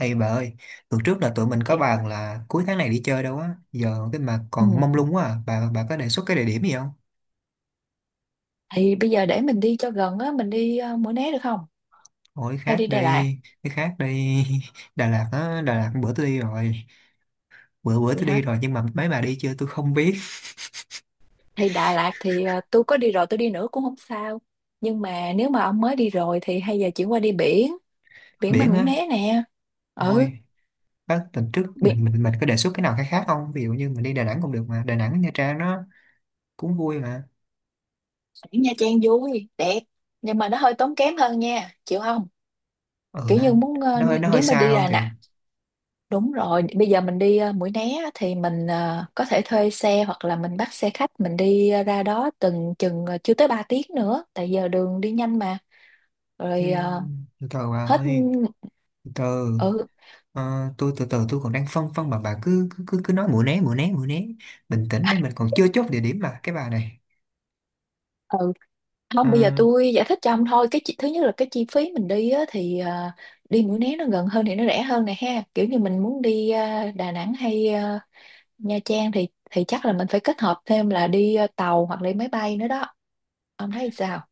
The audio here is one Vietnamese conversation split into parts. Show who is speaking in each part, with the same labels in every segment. Speaker 1: Ê bà ơi, tuần trước là tụi mình có
Speaker 2: Vậy-
Speaker 1: bàn là cuối tháng này đi chơi đâu á, giờ cái mà
Speaker 2: Ừ.
Speaker 1: còn mông lung quá à, bà có đề xuất cái địa điểm gì không?
Speaker 2: Thì bây giờ để mình đi cho gần á, mình đi Mũi Né được không?
Speaker 1: Ôi
Speaker 2: Hay
Speaker 1: khác
Speaker 2: đi Đà Lạt?
Speaker 1: đi, cái khác đi, Đà Lạt á, Đà Lạt bữa tôi đi rồi, bữa bữa
Speaker 2: Vậy
Speaker 1: tôi đi
Speaker 2: hả?
Speaker 1: rồi nhưng mà mấy bà đi chưa tôi không biết.
Speaker 2: Thì Đà Lạt thì tôi có đi rồi, tôi đi nữa cũng không sao. Nhưng mà nếu mà ông mới đi rồi thì hay giờ chuyển qua đi biển, biển bên
Speaker 1: Biển
Speaker 2: Mũi
Speaker 1: á,
Speaker 2: Né nè. Ừ,
Speaker 1: thôi, bác tuần trước
Speaker 2: biển,
Speaker 1: mình có đề xuất cái nào khác khác không? Ví dụ như mình đi Đà Nẵng cũng được mà, Đà Nẵng Nha Trang nó cũng vui mà.
Speaker 2: biển Nha Trang vui, đẹp. Nhưng mà nó hơi tốn kém hơn nha, chịu không?
Speaker 1: Ừ,
Speaker 2: Kiểu như
Speaker 1: anh,
Speaker 2: muốn
Speaker 1: nó hơi
Speaker 2: nếu mà
Speaker 1: xa
Speaker 2: đi
Speaker 1: hơn
Speaker 2: Đà
Speaker 1: thiệt.
Speaker 2: Nẵng. Đúng rồi, bây giờ mình đi Mũi Né á, thì mình có thể thuê xe hoặc là mình bắt xe khách mình đi ra đó từng chừng chưa tới 3 tiếng nữa, tại giờ đường đi nhanh mà.
Speaker 1: Ừ,
Speaker 2: Rồi
Speaker 1: từ từ bà
Speaker 2: hết.
Speaker 1: ơi, từ từ.
Speaker 2: Ừ,
Speaker 1: Ờ, tôi từ từ tôi còn đang phân phân mà bà cứ nói Mũi Né Mũi Né Mũi Né, bình tĩnh đây mình còn chưa chốt địa điểm mà cái bà này.
Speaker 2: ừ.
Speaker 1: Ờ,
Speaker 2: Không, bây giờ tôi giải thích cho ông thôi cái thứ nhất là cái chi phí mình đi á, thì đi Mũi Né nó gần hơn thì nó rẻ hơn này ha, kiểu như mình muốn đi Đà Nẵng hay Nha Trang thì chắc là mình phải kết hợp thêm là đi tàu hoặc là đi máy bay nữa đó. Ông thấy sao?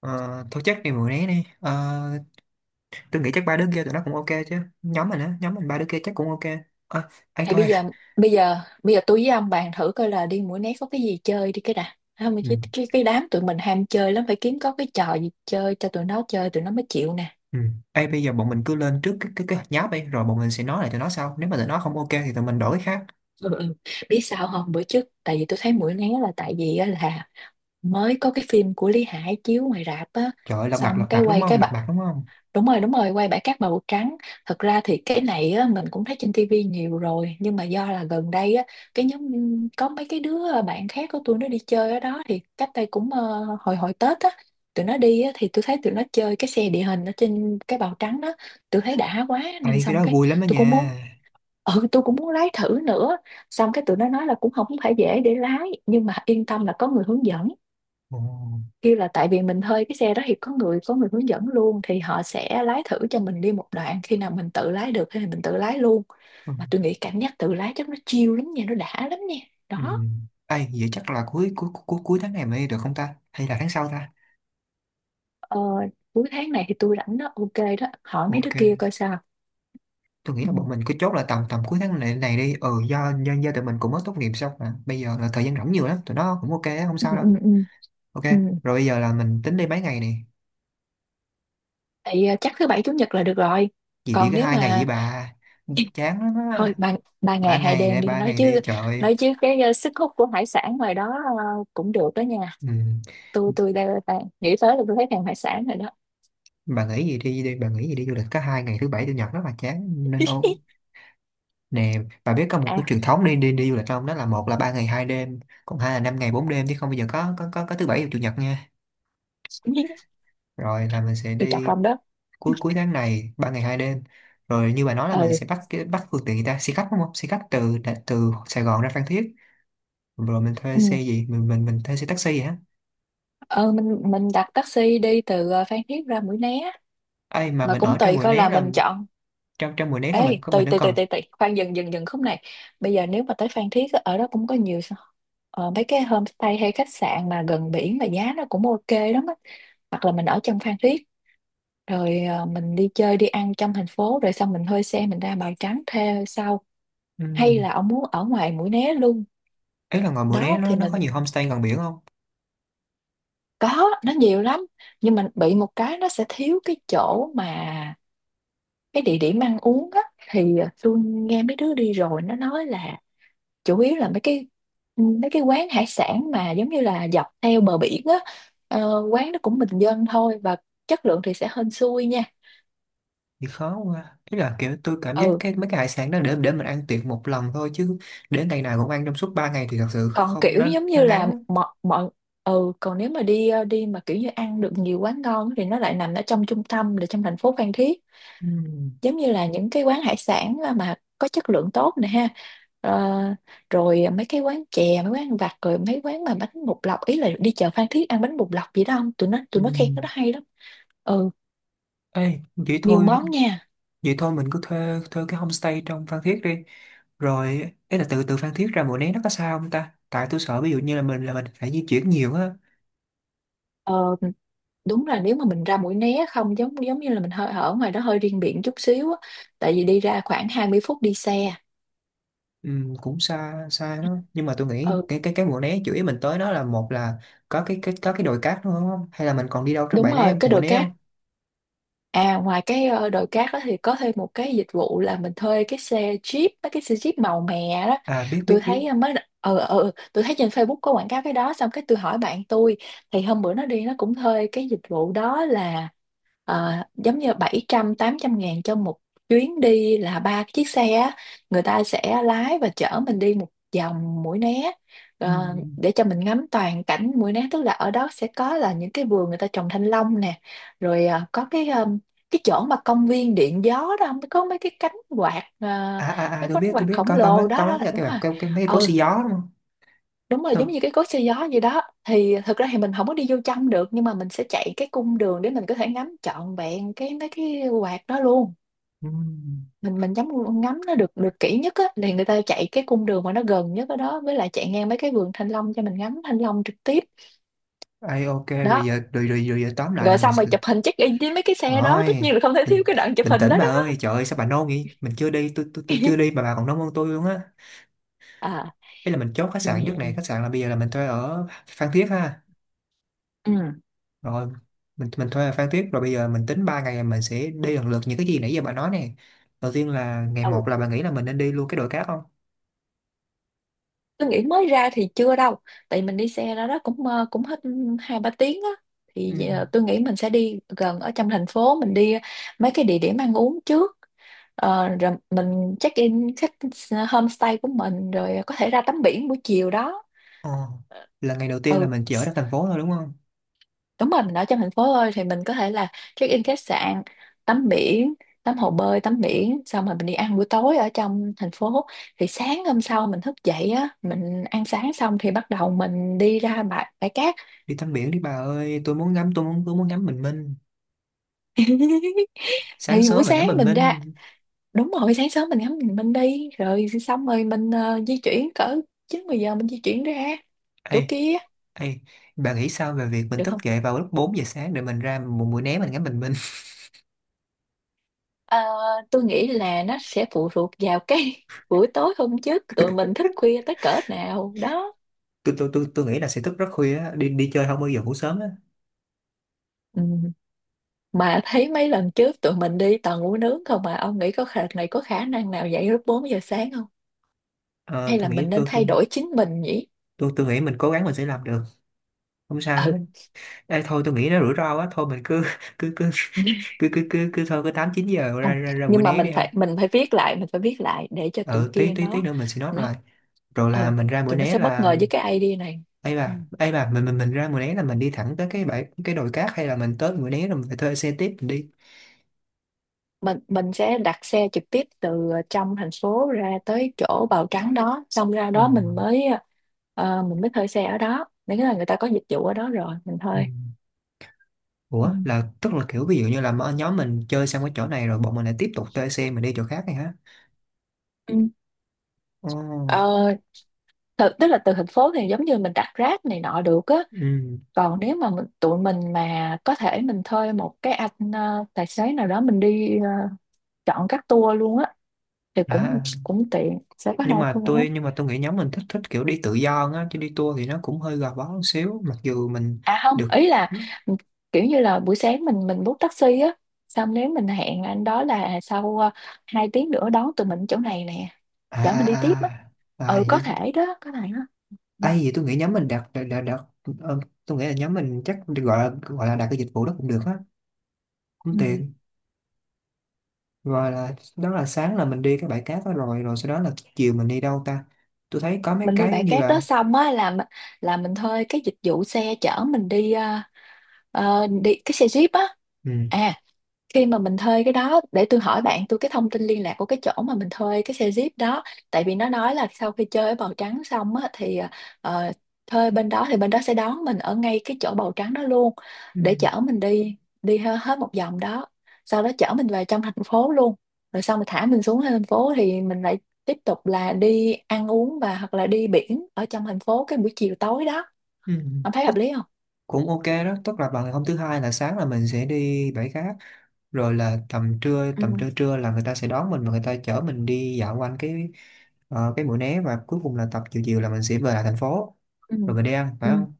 Speaker 1: ờ, thôi chắc đi Mũi Né đi. Ờ, tôi nghĩ chắc ba đứa kia tụi nó cũng ok chứ, nhóm mình á, nhóm mình ba đứa kia chắc cũng ok. Ờ, ấy
Speaker 2: Thì
Speaker 1: thôi.
Speaker 2: bây giờ bây giờ tôi với ông bàn thử coi là đi Mũi Né có cái gì chơi đi cái đã. Không,
Speaker 1: Ừ,
Speaker 2: cái đám tụi mình ham chơi lắm, phải kiếm có cái trò gì chơi cho tụi nó chơi tụi nó mới chịu nè.
Speaker 1: ừ. Ê, bây giờ bọn mình cứ lên trước cái hạt nháp đi rồi bọn mình sẽ nói lại tụi nó sau, nếu mà tụi nó không ok thì tụi mình đổi cái khác.
Speaker 2: Ừ, ừ. Biết sao không, bữa trước tại vì tôi thấy Mũi Né là tại vì á là mới có cái phim của Lý Hải chiếu ngoài rạp á,
Speaker 1: Trời ơi, lật mặt,
Speaker 2: xong
Speaker 1: lật
Speaker 2: cái
Speaker 1: mặt đúng
Speaker 2: quay
Speaker 1: không?
Speaker 2: cái
Speaker 1: Lật
Speaker 2: bà.
Speaker 1: mặt đúng không?
Speaker 2: Đúng rồi, quay bãi cát màu trắng. Thật ra thì cái này á, mình cũng thấy trên tivi nhiều rồi, nhưng mà do là gần đây á, cái nhóm có mấy cái đứa bạn khác của tôi nó đi chơi ở đó thì cách đây cũng hồi hồi Tết á, tụi nó đi á, thì tôi thấy tụi nó chơi cái xe địa hình ở trên cái bào trắng đó. Tôi thấy đã quá
Speaker 1: Ê,
Speaker 2: nên
Speaker 1: cái
Speaker 2: xong
Speaker 1: đó
Speaker 2: cái
Speaker 1: vui lắm đó
Speaker 2: tôi
Speaker 1: nha.
Speaker 2: cũng muốn tôi cũng muốn lái thử nữa. Xong cái tụi nó nói là cũng không phải dễ để lái nhưng mà yên tâm là có người hướng dẫn,
Speaker 1: Ồ.
Speaker 2: kêu là tại vì mình thuê cái xe đó thì có người hướng dẫn luôn, thì họ sẽ lái thử cho mình đi một đoạn, khi nào mình tự lái được thì mình tự lái luôn.
Speaker 1: Ừ.
Speaker 2: Mà tôi nghĩ cảm giác tự lái chắc nó chill lắm nha, nó đã lắm nha.
Speaker 1: Ừ.
Speaker 2: Đó.
Speaker 1: Ai, vậy chắc là cuối cuối cuối cuối tháng này mới đi được không ta? Hay là tháng sau ta?
Speaker 2: ờ, Cuối tháng này thì tôi rảnh đó, ok. Đó hỏi mấy đứa kia
Speaker 1: Ok,
Speaker 2: coi sao.
Speaker 1: tôi
Speaker 2: Ừ,
Speaker 1: nghĩ là bọn mình cứ chốt là tầm tầm cuối tháng này này đi. Ừ, do tụi mình cũng mới tốt nghiệp xong mà. Bây giờ là thời gian rảnh nhiều lắm, tụi nó cũng ok, á, không
Speaker 2: ừ,
Speaker 1: sao đâu.
Speaker 2: ừ, ừ.
Speaker 1: Ok,
Speaker 2: Ừ.
Speaker 1: rồi bây giờ là mình tính đi mấy ngày này.
Speaker 2: Thì chắc thứ bảy chủ nhật là được rồi.
Speaker 1: Gì đi
Speaker 2: Còn
Speaker 1: có
Speaker 2: nếu
Speaker 1: 2 ngày vậy
Speaker 2: mà
Speaker 1: bà. Chán lắm
Speaker 2: thôi,
Speaker 1: á.
Speaker 2: ba ba
Speaker 1: Ba
Speaker 2: ngày hai
Speaker 1: ngày
Speaker 2: đêm
Speaker 1: để
Speaker 2: đi.
Speaker 1: ba ngày đi, trời ơi.
Speaker 2: Nói chứ cái sức hút của hải sản ngoài đó ờ, cũng được đó nha.
Speaker 1: Ừ.
Speaker 2: Tôi đang nghĩ tới là tôi thấy thèm hải sản rồi đó.
Speaker 1: Bà nghĩ gì đi đi, bà nghĩ gì đi du lịch có 2 ngày thứ bảy chủ nhật rất là chán nên ô nè, bà biết có một cái
Speaker 2: À,
Speaker 1: truyền thống đi đi đi du lịch không? Đó là một là 3 ngày 2 đêm, còn hai là 5 ngày 4 đêm chứ không bây giờ có thứ bảy và chủ nhật nha. Rồi là mình sẽ
Speaker 2: từ trọng
Speaker 1: đi
Speaker 2: lòng đó.
Speaker 1: cuối cuối tháng này 3 ngày 2 đêm. Rồi như bà nói là
Speaker 2: Ừ.
Speaker 1: mình sẽ bắt cái, bắt phương tiện người ta xe khách đúng không, xe khách từ từ Sài Gòn ra Phan Thiết. Rồi mình thuê xe
Speaker 2: Ừ.
Speaker 1: gì, mình thuê xe taxi vậy á?
Speaker 2: ờ mình đặt taxi đi từ Phan Thiết ra Mũi Né.
Speaker 1: Ấy mà
Speaker 2: Mà
Speaker 1: mình
Speaker 2: cũng
Speaker 1: ở trong
Speaker 2: tùy
Speaker 1: Mũi
Speaker 2: coi
Speaker 1: Né
Speaker 2: là
Speaker 1: là
Speaker 2: mình chọn.
Speaker 1: trong trong Mũi Né là mình
Speaker 2: Ê,
Speaker 1: mình
Speaker 2: tùy
Speaker 1: nó
Speaker 2: tùy tùy
Speaker 1: còn.
Speaker 2: tùy tùy, khoan, dừng dừng dừng khúc này. Bây giờ nếu mà tới Phan Thiết á, ở đó cũng có nhiều mấy cái homestay hay khách sạn mà gần biển mà giá nó cũng ok lắm á. Hoặc là mình ở trong Phan Thiết, rồi mình đi chơi đi ăn trong thành phố rồi xong mình thuê xe mình ra Bào Trắng thuê sau. Hay
Speaker 1: ừm,
Speaker 2: là ông muốn ở ngoài Mũi Né luôn?
Speaker 1: ý là ngoài Mũi Né
Speaker 2: Đó
Speaker 1: nó
Speaker 2: thì
Speaker 1: nó có
Speaker 2: mình
Speaker 1: nhiều homestay gần biển không?
Speaker 2: có, nó nhiều lắm. Nhưng mà bị một cái nó sẽ thiếu cái chỗ mà cái địa điểm ăn uống á, thì tôi nghe mấy đứa đi rồi nó nói là chủ yếu là mấy cái quán hải sản mà giống như là dọc theo bờ biển á. Quán nó cũng bình dân thôi, và chất lượng thì sẽ hên xui nha.
Speaker 1: Thì khó quá, ý là kiểu tôi cảm giác
Speaker 2: Ừ,
Speaker 1: cái mấy cái hải sản đó để mình ăn tiệc một lần thôi chứ để ngày nào cũng ăn trong suốt 3 ngày thì thật sự
Speaker 2: còn
Speaker 1: không,
Speaker 2: kiểu
Speaker 1: nó
Speaker 2: giống
Speaker 1: nó
Speaker 2: như
Speaker 1: ngán
Speaker 2: là
Speaker 1: á.
Speaker 2: mọi mọi. Ừ, còn nếu mà đi đi mà kiểu như ăn được nhiều quán ngon thì nó lại nằm ở trong trung tâm là trong thành phố Phan Thiết.
Speaker 1: Ừ.
Speaker 2: Giống như là những cái quán hải sản mà có chất lượng tốt nè ha. Ờ, rồi mấy cái quán chè, mấy quán ăn vặt, rồi mấy quán mà bánh bột lọc, ý là đi chợ Phan Thiết ăn bánh bột lọc gì đó, không
Speaker 1: Ừ.
Speaker 2: tụi nó khen cái đó hay lắm. Ừ,
Speaker 1: Ê, vậy
Speaker 2: nhiều
Speaker 1: thôi,
Speaker 2: món nha.
Speaker 1: vậy thôi mình cứ thuê thuê cái homestay trong Phan Thiết đi. Rồi ý là từ từ Phan Thiết ra Mũi Né nó có xa không ta, tại tôi sợ ví dụ như là mình phải di chuyển nhiều á.
Speaker 2: ờ, Đúng là nếu mà mình ra Mũi Né không, giống giống như là mình hơi ở ngoài đó hơi riêng biệt chút xíu á, tại vì đi ra khoảng 20 phút đi xe.
Speaker 1: Ừ, cũng xa xa đó nhưng mà tôi nghĩ
Speaker 2: Ừ,
Speaker 1: cái Mũi Né chủ yếu mình tới nó là một là có cái có cái đồi cát đúng không, hay là mình còn đi đâu trong
Speaker 2: đúng
Speaker 1: bãi né
Speaker 2: rồi cái
Speaker 1: Mũi
Speaker 2: đồi
Speaker 1: Né
Speaker 2: cát.
Speaker 1: không?
Speaker 2: À, ngoài cái đồi cát đó thì có thêm một cái dịch vụ là mình thuê cái xe Jeep, mấy cái xe Jeep màu mè đó.
Speaker 1: À, biết biết
Speaker 2: Tôi
Speaker 1: biết.
Speaker 2: thấy tôi thấy trên Facebook có quảng cáo cái đó, xong cái tôi hỏi bạn tôi. Thì hôm bữa nó đi nó cũng thuê cái dịch vụ đó là giống như 700-800 ngàn cho một chuyến đi là ba chiếc xe á. Người ta sẽ lái và chở mình đi một vòng Mũi Né,
Speaker 1: Ừ.
Speaker 2: để cho mình ngắm toàn cảnh Mũi Né, tức là ở đó sẽ có là những cái vườn người ta trồng thanh long nè. Rồi có cái cái chỗ mà công viên điện gió đó không, có mấy cái cánh quạt
Speaker 1: À à à,
Speaker 2: mấy cái
Speaker 1: tôi
Speaker 2: cánh
Speaker 1: biết,
Speaker 2: quạt
Speaker 1: tôi biết,
Speaker 2: khổng
Speaker 1: có mấy
Speaker 2: lồ đó
Speaker 1: có mấy
Speaker 2: đó,
Speaker 1: cái
Speaker 2: đúng
Speaker 1: cái
Speaker 2: rồi.
Speaker 1: cái, cái mấy cối
Speaker 2: Ừ,
Speaker 1: xì gió đúng không?
Speaker 2: đúng rồi giống
Speaker 1: Ừ.
Speaker 2: như cái cối xay gió gì đó. Thì thực ra thì mình không có đi vô trong được nhưng mà mình sẽ chạy cái cung đường để mình có thể ngắm trọn vẹn cái mấy cái quạt đó luôn.
Speaker 1: Ừ.
Speaker 2: Mình ngắm ngắm nó được được kỹ nhất á thì người ta chạy cái cung đường mà nó gần nhất ở đó, với lại chạy ngang mấy cái vườn thanh long cho mình ngắm thanh long trực tiếp.
Speaker 1: Ai, ok rồi
Speaker 2: Đó,
Speaker 1: giờ rồi, rồi giờ tóm lại là
Speaker 2: rồi
Speaker 1: mình
Speaker 2: xong rồi
Speaker 1: sẽ-
Speaker 2: chụp hình check in với mấy cái xe đó, tất
Speaker 1: rồi
Speaker 2: nhiên là không thể
Speaker 1: bình,
Speaker 2: thiếu cái đoạn chụp
Speaker 1: bình
Speaker 2: hình
Speaker 1: tĩnh
Speaker 2: đó
Speaker 1: bà
Speaker 2: đó.
Speaker 1: ơi, trời ơi sao bà nôn vậy, mình chưa đi, tôi chưa đi mà bà còn nôn hơn tôi luôn á.
Speaker 2: À,
Speaker 1: Ý là mình chốt khách sạn trước này, khách sạn là bây giờ là mình thuê ở Phan Thiết ha. Rồi mình thuê ở Phan Thiết rồi bây giờ mình tính 3 ngày mình sẽ đi lần lượt những cái gì nãy giờ bà nói nè. Đầu tiên là ngày
Speaker 2: ừ,
Speaker 1: một, là bà nghĩ là mình nên đi luôn cái đồi cát không?
Speaker 2: tôi nghĩ mới ra thì chưa đâu, tại mình đi xe ra đó cũng cũng hết 2-3 tiếng á. Thì
Speaker 1: Ừ.
Speaker 2: tôi nghĩ mình sẽ đi gần ở trong thành phố, mình đi mấy cái địa điểm ăn uống trước. Ờ, rồi mình check in khách homestay của mình, rồi có thể ra tắm biển buổi chiều đó.
Speaker 1: Ờ, là ngày đầu
Speaker 2: Ờ,
Speaker 1: tiên là
Speaker 2: ừ,
Speaker 1: mình chỉ ở trong thành phố thôi đúng không?
Speaker 2: đúng rồi mình ở trong thành phố thôi thì mình có thể là check in khách sạn, tắm biển, tắm hồ bơi, tắm biển xong rồi mình đi ăn buổi tối ở trong thành phố. Thì sáng hôm sau mình thức dậy á, mình ăn sáng xong thì bắt đầu mình đi ra bãi bãi cát.
Speaker 1: Đi tắm biển đi bà ơi, tôi muốn ngắm, tôi muốn ngắm bình minh sáng
Speaker 2: Thì buổi
Speaker 1: sớm mà ngắm
Speaker 2: sáng
Speaker 1: bình
Speaker 2: mình ra,
Speaker 1: minh.
Speaker 2: đúng rồi sáng sớm mình ngắm bình minh đi, rồi xong rồi mình di chuyển cỡ 9-10 giờ mình di chuyển ra chỗ
Speaker 1: Ê,
Speaker 2: kia
Speaker 1: ê, bà nghĩ sao về việc mình
Speaker 2: được
Speaker 1: thức
Speaker 2: không?
Speaker 1: dậy vào lúc 4 giờ sáng để mình ra một buổi né mình ngắm bình minh?
Speaker 2: Ờ, tôi nghĩ là nó sẽ phụ thuộc vào cái buổi tối hôm trước tụi mình thức khuya tới cỡ nào đó.
Speaker 1: Tôi nghĩ là sẽ thức rất khuya á, đi đi chơi không bao giờ ngủ sớm á.
Speaker 2: Ừ. Mà thấy mấy lần trước tụi mình đi toàn ngủ nướng không, mà ông nghĩ có khả này có khả năng nào dậy lúc 4 giờ sáng không?
Speaker 1: Ờ,
Speaker 2: Hay là
Speaker 1: tôi
Speaker 2: mình
Speaker 1: nghĩ
Speaker 2: nên
Speaker 1: tôi, tôi
Speaker 2: thay đổi chính mình nhỉ?
Speaker 1: tôi tôi nghĩ mình cố gắng mình sẽ làm được, không sao
Speaker 2: Ừ,
Speaker 1: hết. Ê thôi, tôi nghĩ nó rủi ro quá, thôi mình cứ cứ cứ cứ cứ cứ, cứ thôi cứ 8-9 giờ ra
Speaker 2: không
Speaker 1: ra ra buổi
Speaker 2: nhưng mà
Speaker 1: né đi ha.
Speaker 2: mình phải viết lại, để cho tụi
Speaker 1: Ừ, tí
Speaker 2: kia
Speaker 1: tí tí
Speaker 2: nó
Speaker 1: nữa mình sẽ nốt
Speaker 2: nó
Speaker 1: lại. Rồi là
Speaker 2: Ừ,
Speaker 1: mình ra bữa
Speaker 2: tụi nó
Speaker 1: né
Speaker 2: sẽ bất
Speaker 1: là.
Speaker 2: ngờ với cái idea này.
Speaker 1: Ấy
Speaker 2: Ừ.
Speaker 1: bà, ấy bà, mình ra Mũi Né là mình đi thẳng tới cái bãi, cái đồi cát hay là mình tới Mũi Né rồi mình phải thuê xe tiếp mình đi?
Speaker 2: Mình sẽ đặt xe trực tiếp từ trong thành phố ra tới chỗ Bào Trắng đó, xong ra
Speaker 1: Ồ,
Speaker 2: đó mình mới thuê xe ở đó, nếu là người ta có dịch vụ ở đó rồi mình
Speaker 1: ừ.
Speaker 2: thuê. Ừ.
Speaker 1: Ủa là tức là kiểu ví dụ như là mà nhóm mình chơi xong cái chỗ này rồi bọn mình lại tiếp tục thuê xe mình đi chỗ khác này hả?
Speaker 2: Ừ.
Speaker 1: Ồ,
Speaker 2: Ờ, tức là từ thành phố thì giống như mình đặt Grab này nọ được á.
Speaker 1: ừ.
Speaker 2: Còn nếu mà tụi mình mà có thể mình thuê một cái anh tài xế nào đó mình đi chọn các tour luôn á thì cũng
Speaker 1: À,
Speaker 2: cũng tiện, sẽ có hai
Speaker 1: nhưng mà
Speaker 2: phương.
Speaker 1: tôi, nhưng mà tôi nghĩ nhóm mình thích, thích kiểu đi tự do hơn á, chứ đi tour thì nó cũng hơi gò bó một xíu mặc dù mình
Speaker 2: À không,
Speaker 1: được.
Speaker 2: ý là ừ, kiểu như là buổi sáng mình bút taxi á, xong nếu mình hẹn anh đó là sau 2 tiếng nữa đón tụi mình chỗ này nè,
Speaker 1: À
Speaker 2: chở mình đi tiếp á.
Speaker 1: à à à,
Speaker 2: Ừ,
Speaker 1: gì?
Speaker 2: có thể đó, có thể đó. Ừ.
Speaker 1: À, gì tôi nghĩ nhóm mình đặt ờ, tôi nghĩ là nhóm mình chắc gọi là, gọi là đặt cái dịch vụ đó cũng được á, cũng
Speaker 2: Ừ.
Speaker 1: tiện. Rồi là đó là sáng là mình đi cái bãi cát đó rồi rồi sau đó là chiều mình đi đâu ta, tôi thấy có mấy
Speaker 2: Mình đi
Speaker 1: cái
Speaker 2: bãi
Speaker 1: như
Speaker 2: cát đó
Speaker 1: là
Speaker 2: xong á là mình thuê cái dịch vụ xe chở mình đi đi cái xe jeep á.
Speaker 1: ừ,
Speaker 2: À, khi mà mình thuê cái đó để tôi hỏi bạn tôi cái thông tin liên lạc của cái chỗ mà mình thuê cái xe Jeep đó. Tại vì nó nói là sau khi chơi ở Bào Trắng xong á thì ờ, thuê bên đó thì bên đó sẽ đón mình ở ngay cái chỗ Bào Trắng đó luôn,
Speaker 1: ừ,
Speaker 2: để chở mình đi đi he- hết một vòng đó. Sau đó chở mình về trong thành phố luôn. Rồi xong mình thả mình xuống thành phố thì mình lại tiếp tục là đi ăn uống và hoặc là đi biển ở trong thành phố cái buổi chiều tối đó.
Speaker 1: ừ,
Speaker 2: Ông thấy
Speaker 1: tức
Speaker 2: hợp lý không?
Speaker 1: cũng ok đó, tức là bằng hôm thứ hai là sáng là mình sẽ đi bãi cát, rồi là tầm trưa
Speaker 2: Ừ,
Speaker 1: trưa là người ta sẽ đón mình và người ta chở mình đi dạo quanh cái Mũi Né, và cuối cùng là tập chiều chiều là mình sẽ về lại thành phố,
Speaker 2: ừ,
Speaker 1: rồi mình đi ăn phải
Speaker 2: ừ.
Speaker 1: không?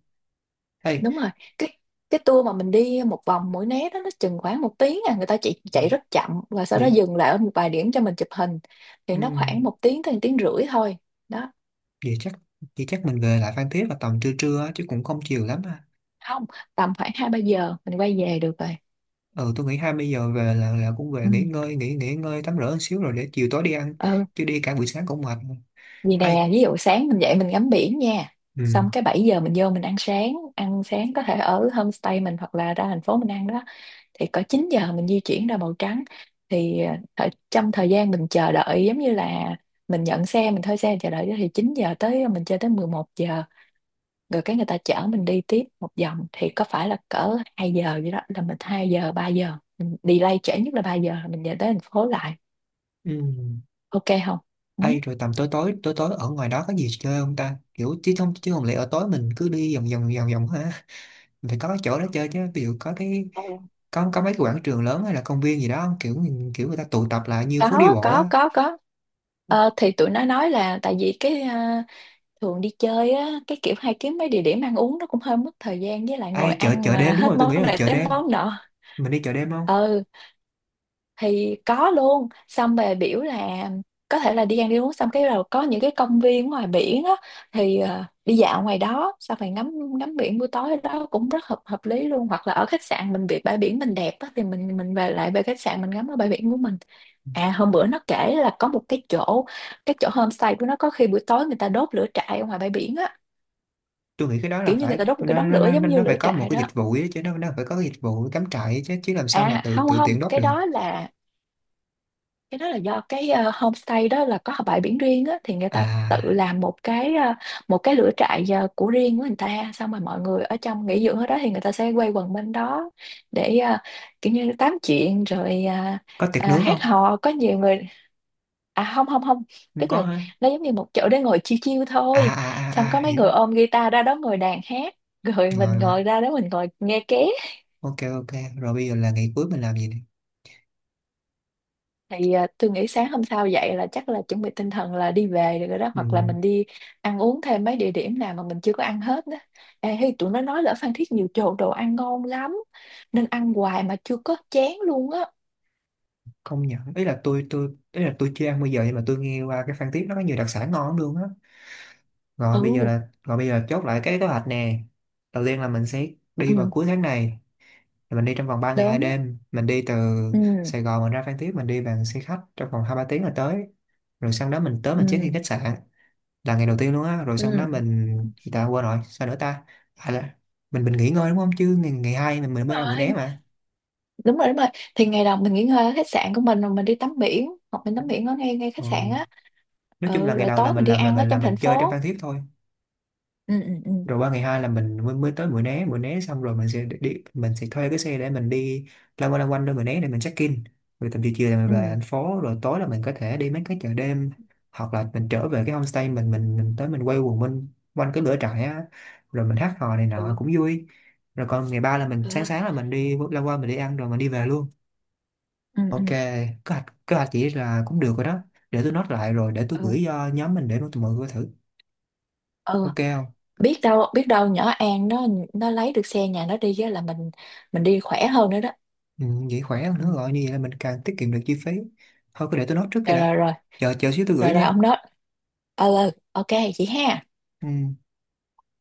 Speaker 1: Hay
Speaker 2: Đúng rồi. Cái cái tour mà mình đi một vòng Mũi Né đó nó chừng khoảng 1 tiếng à, người ta chỉ
Speaker 1: ừ,
Speaker 2: chạy rất chậm và sau đó
Speaker 1: vậy,
Speaker 2: dừng lại ở một vài điểm cho mình chụp hình. Thì
Speaker 1: ừ,
Speaker 2: nó khoảng 1 tiếng tới 1 tiếng rưỡi thôi. Đó.
Speaker 1: vậy chắc, vậy chắc mình về lại Phan Thiết là tầm trưa trưa á, chứ cũng không chiều lắm à.
Speaker 2: Không, tầm khoảng 2-3 giờ mình quay về được rồi.
Speaker 1: Ừ tôi nghĩ 20 giờ về là cũng về
Speaker 2: Ừ.
Speaker 1: nghỉ ngơi, nghỉ nghỉ ngơi tắm rửa một xíu rồi để chiều tối đi ăn,
Speaker 2: Ừ.
Speaker 1: chứ đi cả buổi sáng cũng mệt.
Speaker 2: Vì
Speaker 1: Ai
Speaker 2: nè, ví dụ sáng mình dậy mình ngắm biển nha.
Speaker 1: ừ
Speaker 2: Xong cái 7 giờ mình vô mình ăn sáng có thể ở homestay mình hoặc là ra thành phố mình ăn đó. Thì có 9 giờ mình di chuyển ra màu trắng. Thì ở trong thời gian mình chờ đợi giống như là mình nhận xe mình thuê xe chờ đợi thì 9 giờ tới mình chơi tới 11 giờ. Rồi cái người ta chở mình đi tiếp một vòng thì có phải là cỡ 2 giờ vậy, đó là mình 2 giờ 3 giờ. Mình delay trễ nhất là 3 giờ là mình về tới thành phố lại.
Speaker 1: ừ,
Speaker 2: Ok không? Ừ.
Speaker 1: ai rồi tầm tối tối tối tối ở ngoài đó có gì chơi không ta, kiểu chứ không, chứ không lẽ ở tối mình cứ đi vòng vòng ha, phải có cái chỗ đó chơi chứ, ví dụ có cái
Speaker 2: Ừ.
Speaker 1: có mấy cái quảng trường lớn hay là công viên gì đó không? Kiểu kiểu người ta tụ tập lại như phố đi
Speaker 2: Có,
Speaker 1: bộ
Speaker 2: có,
Speaker 1: á.
Speaker 2: có, có. Thì tụi nó nói là tại vì cái thường đi chơi á cái kiểu hay kiếm mấy địa điểm ăn uống nó cũng hơi mất thời gian, với lại ngồi
Speaker 1: Ai chợ,
Speaker 2: ăn
Speaker 1: chợ
Speaker 2: mà
Speaker 1: đêm, đúng
Speaker 2: hết
Speaker 1: rồi tôi nghĩ
Speaker 2: món
Speaker 1: là
Speaker 2: này
Speaker 1: chợ
Speaker 2: tới
Speaker 1: đêm,
Speaker 2: món nọ.
Speaker 1: mình đi chợ đêm không?
Speaker 2: Ừ. Thì có luôn. Xong về biểu là có thể là đi ăn đi uống xong cái rồi có những cái công viên ngoài biển á, thì đi dạo ngoài đó xong rồi ngắm ngắm biển buổi tối đó cũng rất hợp hợp lý luôn, hoặc là ở khách sạn mình bị bãi biển mình đẹp á thì mình về khách sạn mình ngắm ở bãi biển của mình. À, hôm bữa nó kể là có một cái chỗ homestay của nó có khi buổi tối người ta đốt lửa trại ở ngoài bãi biển á,
Speaker 1: Tôi nghĩ cái đó là
Speaker 2: kiểu như người
Speaker 1: phải
Speaker 2: ta đốt một cái
Speaker 1: nó
Speaker 2: đống
Speaker 1: nó
Speaker 2: lửa
Speaker 1: nó
Speaker 2: giống
Speaker 1: nó
Speaker 2: như
Speaker 1: nó phải
Speaker 2: lửa
Speaker 1: có một
Speaker 2: trại
Speaker 1: cái
Speaker 2: đó.
Speaker 1: dịch vụ ấy, chứ nó phải có cái dịch vụ cắm trại ấy chứ chứ làm sao mà
Speaker 2: À,
Speaker 1: tự
Speaker 2: không,
Speaker 1: tự
Speaker 2: không,
Speaker 1: tiện đốt
Speaker 2: cái
Speaker 1: được.
Speaker 2: đó là cái đó là do cái homestay đó là có bãi biển riêng á, thì người ta tự
Speaker 1: À,
Speaker 2: làm một cái lửa trại của riêng của người ta. Xong rồi mọi người ở trong nghỉ dưỡng ở đó thì người ta sẽ quay quần bên đó để kiểu như tám chuyện rồi
Speaker 1: có tiệc nướng
Speaker 2: hát
Speaker 1: không?
Speaker 2: hò, có nhiều người. À, không, không, không.
Speaker 1: Không
Speaker 2: Tức là
Speaker 1: có hả?
Speaker 2: nó giống như một chỗ để ngồi chiêu chiêu
Speaker 1: À
Speaker 2: thôi.
Speaker 1: à
Speaker 2: Xong
Speaker 1: à
Speaker 2: có
Speaker 1: à,
Speaker 2: mấy người
Speaker 1: hiểu.
Speaker 2: ôm guitar ra đó ngồi đàn hát. Rồi mình
Speaker 1: Rồi rồi,
Speaker 2: ngồi ra đó mình ngồi nghe ké.
Speaker 1: ok ok, rồi bây giờ là ngày cuối mình làm gì nè?
Speaker 2: Thì à, tôi nghĩ sáng hôm sau dậy là chắc là chuẩn bị tinh thần là đi về được rồi đó,
Speaker 1: Ừ,
Speaker 2: hoặc là mình đi ăn uống thêm mấy địa điểm nào mà mình chưa có ăn hết đó. Ê, hey, tụi nó nói là ở Phan Thiết nhiều chỗ đồ ăn ngon lắm nên ăn hoài mà chưa có chén luôn á.
Speaker 1: không nhận, ý là tôi, ý là tôi chưa ăn bây giờ nhưng mà tôi nghe qua cái Phan Thiết nó có nhiều đặc sản ngon lắm luôn á. Rồi bây giờ
Speaker 2: Ừ.
Speaker 1: là, rồi bây giờ chốt lại cái kế hoạch nè. Đầu tiên là mình sẽ đi vào
Speaker 2: Ừ.
Speaker 1: cuối tháng này, mình đi trong vòng ba ngày hai
Speaker 2: Đúng á.
Speaker 1: đêm mình đi từ
Speaker 2: Ừ,
Speaker 1: Sài Gòn mình ra Phan Thiết, mình đi bằng xe khách trong vòng 2-3 tiếng là tới, rồi sau đó mình tới
Speaker 2: ừ,
Speaker 1: mình check in khách sạn, là ngày đầu tiên luôn á. Rồi sau đó
Speaker 2: ừ.
Speaker 1: mình, người ta quên rồi sao nữa ta. À là mình nghỉ ngơi đúng không, chứ ngày, ngày hai mình
Speaker 2: Đúng
Speaker 1: mới ra Mũi Né
Speaker 2: rồi,
Speaker 1: mà.
Speaker 2: đúng rồi, đúng rồi. Thì ngày đầu mình nghỉ ngơi ở khách sạn của mình rồi mình đi tắm biển hoặc mình tắm biển ở ngay ngay khách sạn
Speaker 1: Ừ.
Speaker 2: á.
Speaker 1: Nói chung là
Speaker 2: Ừ.
Speaker 1: ngày
Speaker 2: Rồi
Speaker 1: đầu là
Speaker 2: tối mình
Speaker 1: mình
Speaker 2: đi
Speaker 1: làm là
Speaker 2: ăn ở
Speaker 1: mình, là
Speaker 2: trong
Speaker 1: mình
Speaker 2: thành
Speaker 1: chơi trong Phan
Speaker 2: phố.
Speaker 1: Thiết thôi,
Speaker 2: Ừ, ừ, ừ.
Speaker 1: rồi qua ngày hai là mình mới, mới tới Mũi Né Mũi Né xong rồi mình sẽ đi mình sẽ thuê cái xe để mình đi lăn quanh, lăn quanh đôi Mũi Né để mình check in, rồi tầm chiều chiều là mình về
Speaker 2: Ừ,
Speaker 1: thành phố, rồi tối là mình có thể đi mấy cái chợ đêm hoặc là mình trở về cái homestay mình, mình tới mình quay quần bên quanh cái lửa trại á, rồi mình hát hò này
Speaker 2: ừ,
Speaker 1: nọ cũng vui. Rồi còn ngày ba là mình sáng sáng là mình đi lăn quanh mình đi ăn rồi mình đi về luôn.
Speaker 2: ừ,
Speaker 1: Ok kế hoạch, kế hoạch chỉ là cũng được rồi đó, để tôi note lại rồi để tôi
Speaker 2: ừ,
Speaker 1: gửi cho nhóm mình để tụi mọi người thử,
Speaker 2: ừ.
Speaker 1: ok không?
Speaker 2: Biết đâu, biết đâu nhỏ An nó lấy được xe nhà nó đi á là mình đi khỏe hơn nữa đó.
Speaker 1: Ừ, vậy khỏe hơn
Speaker 2: Ừ.
Speaker 1: nữa rồi, như vậy là mình càng tiết kiệm được chi phí. Thôi cứ để tôi nốt trước cái
Speaker 2: Rồi,
Speaker 1: đã,
Speaker 2: rồi, rồi.
Speaker 1: chờ chờ xíu tôi gửi
Speaker 2: Rồi, rồi,
Speaker 1: nha.
Speaker 2: ông đó. Ờ. Ừ, ok chị ha.
Speaker 1: Ừ.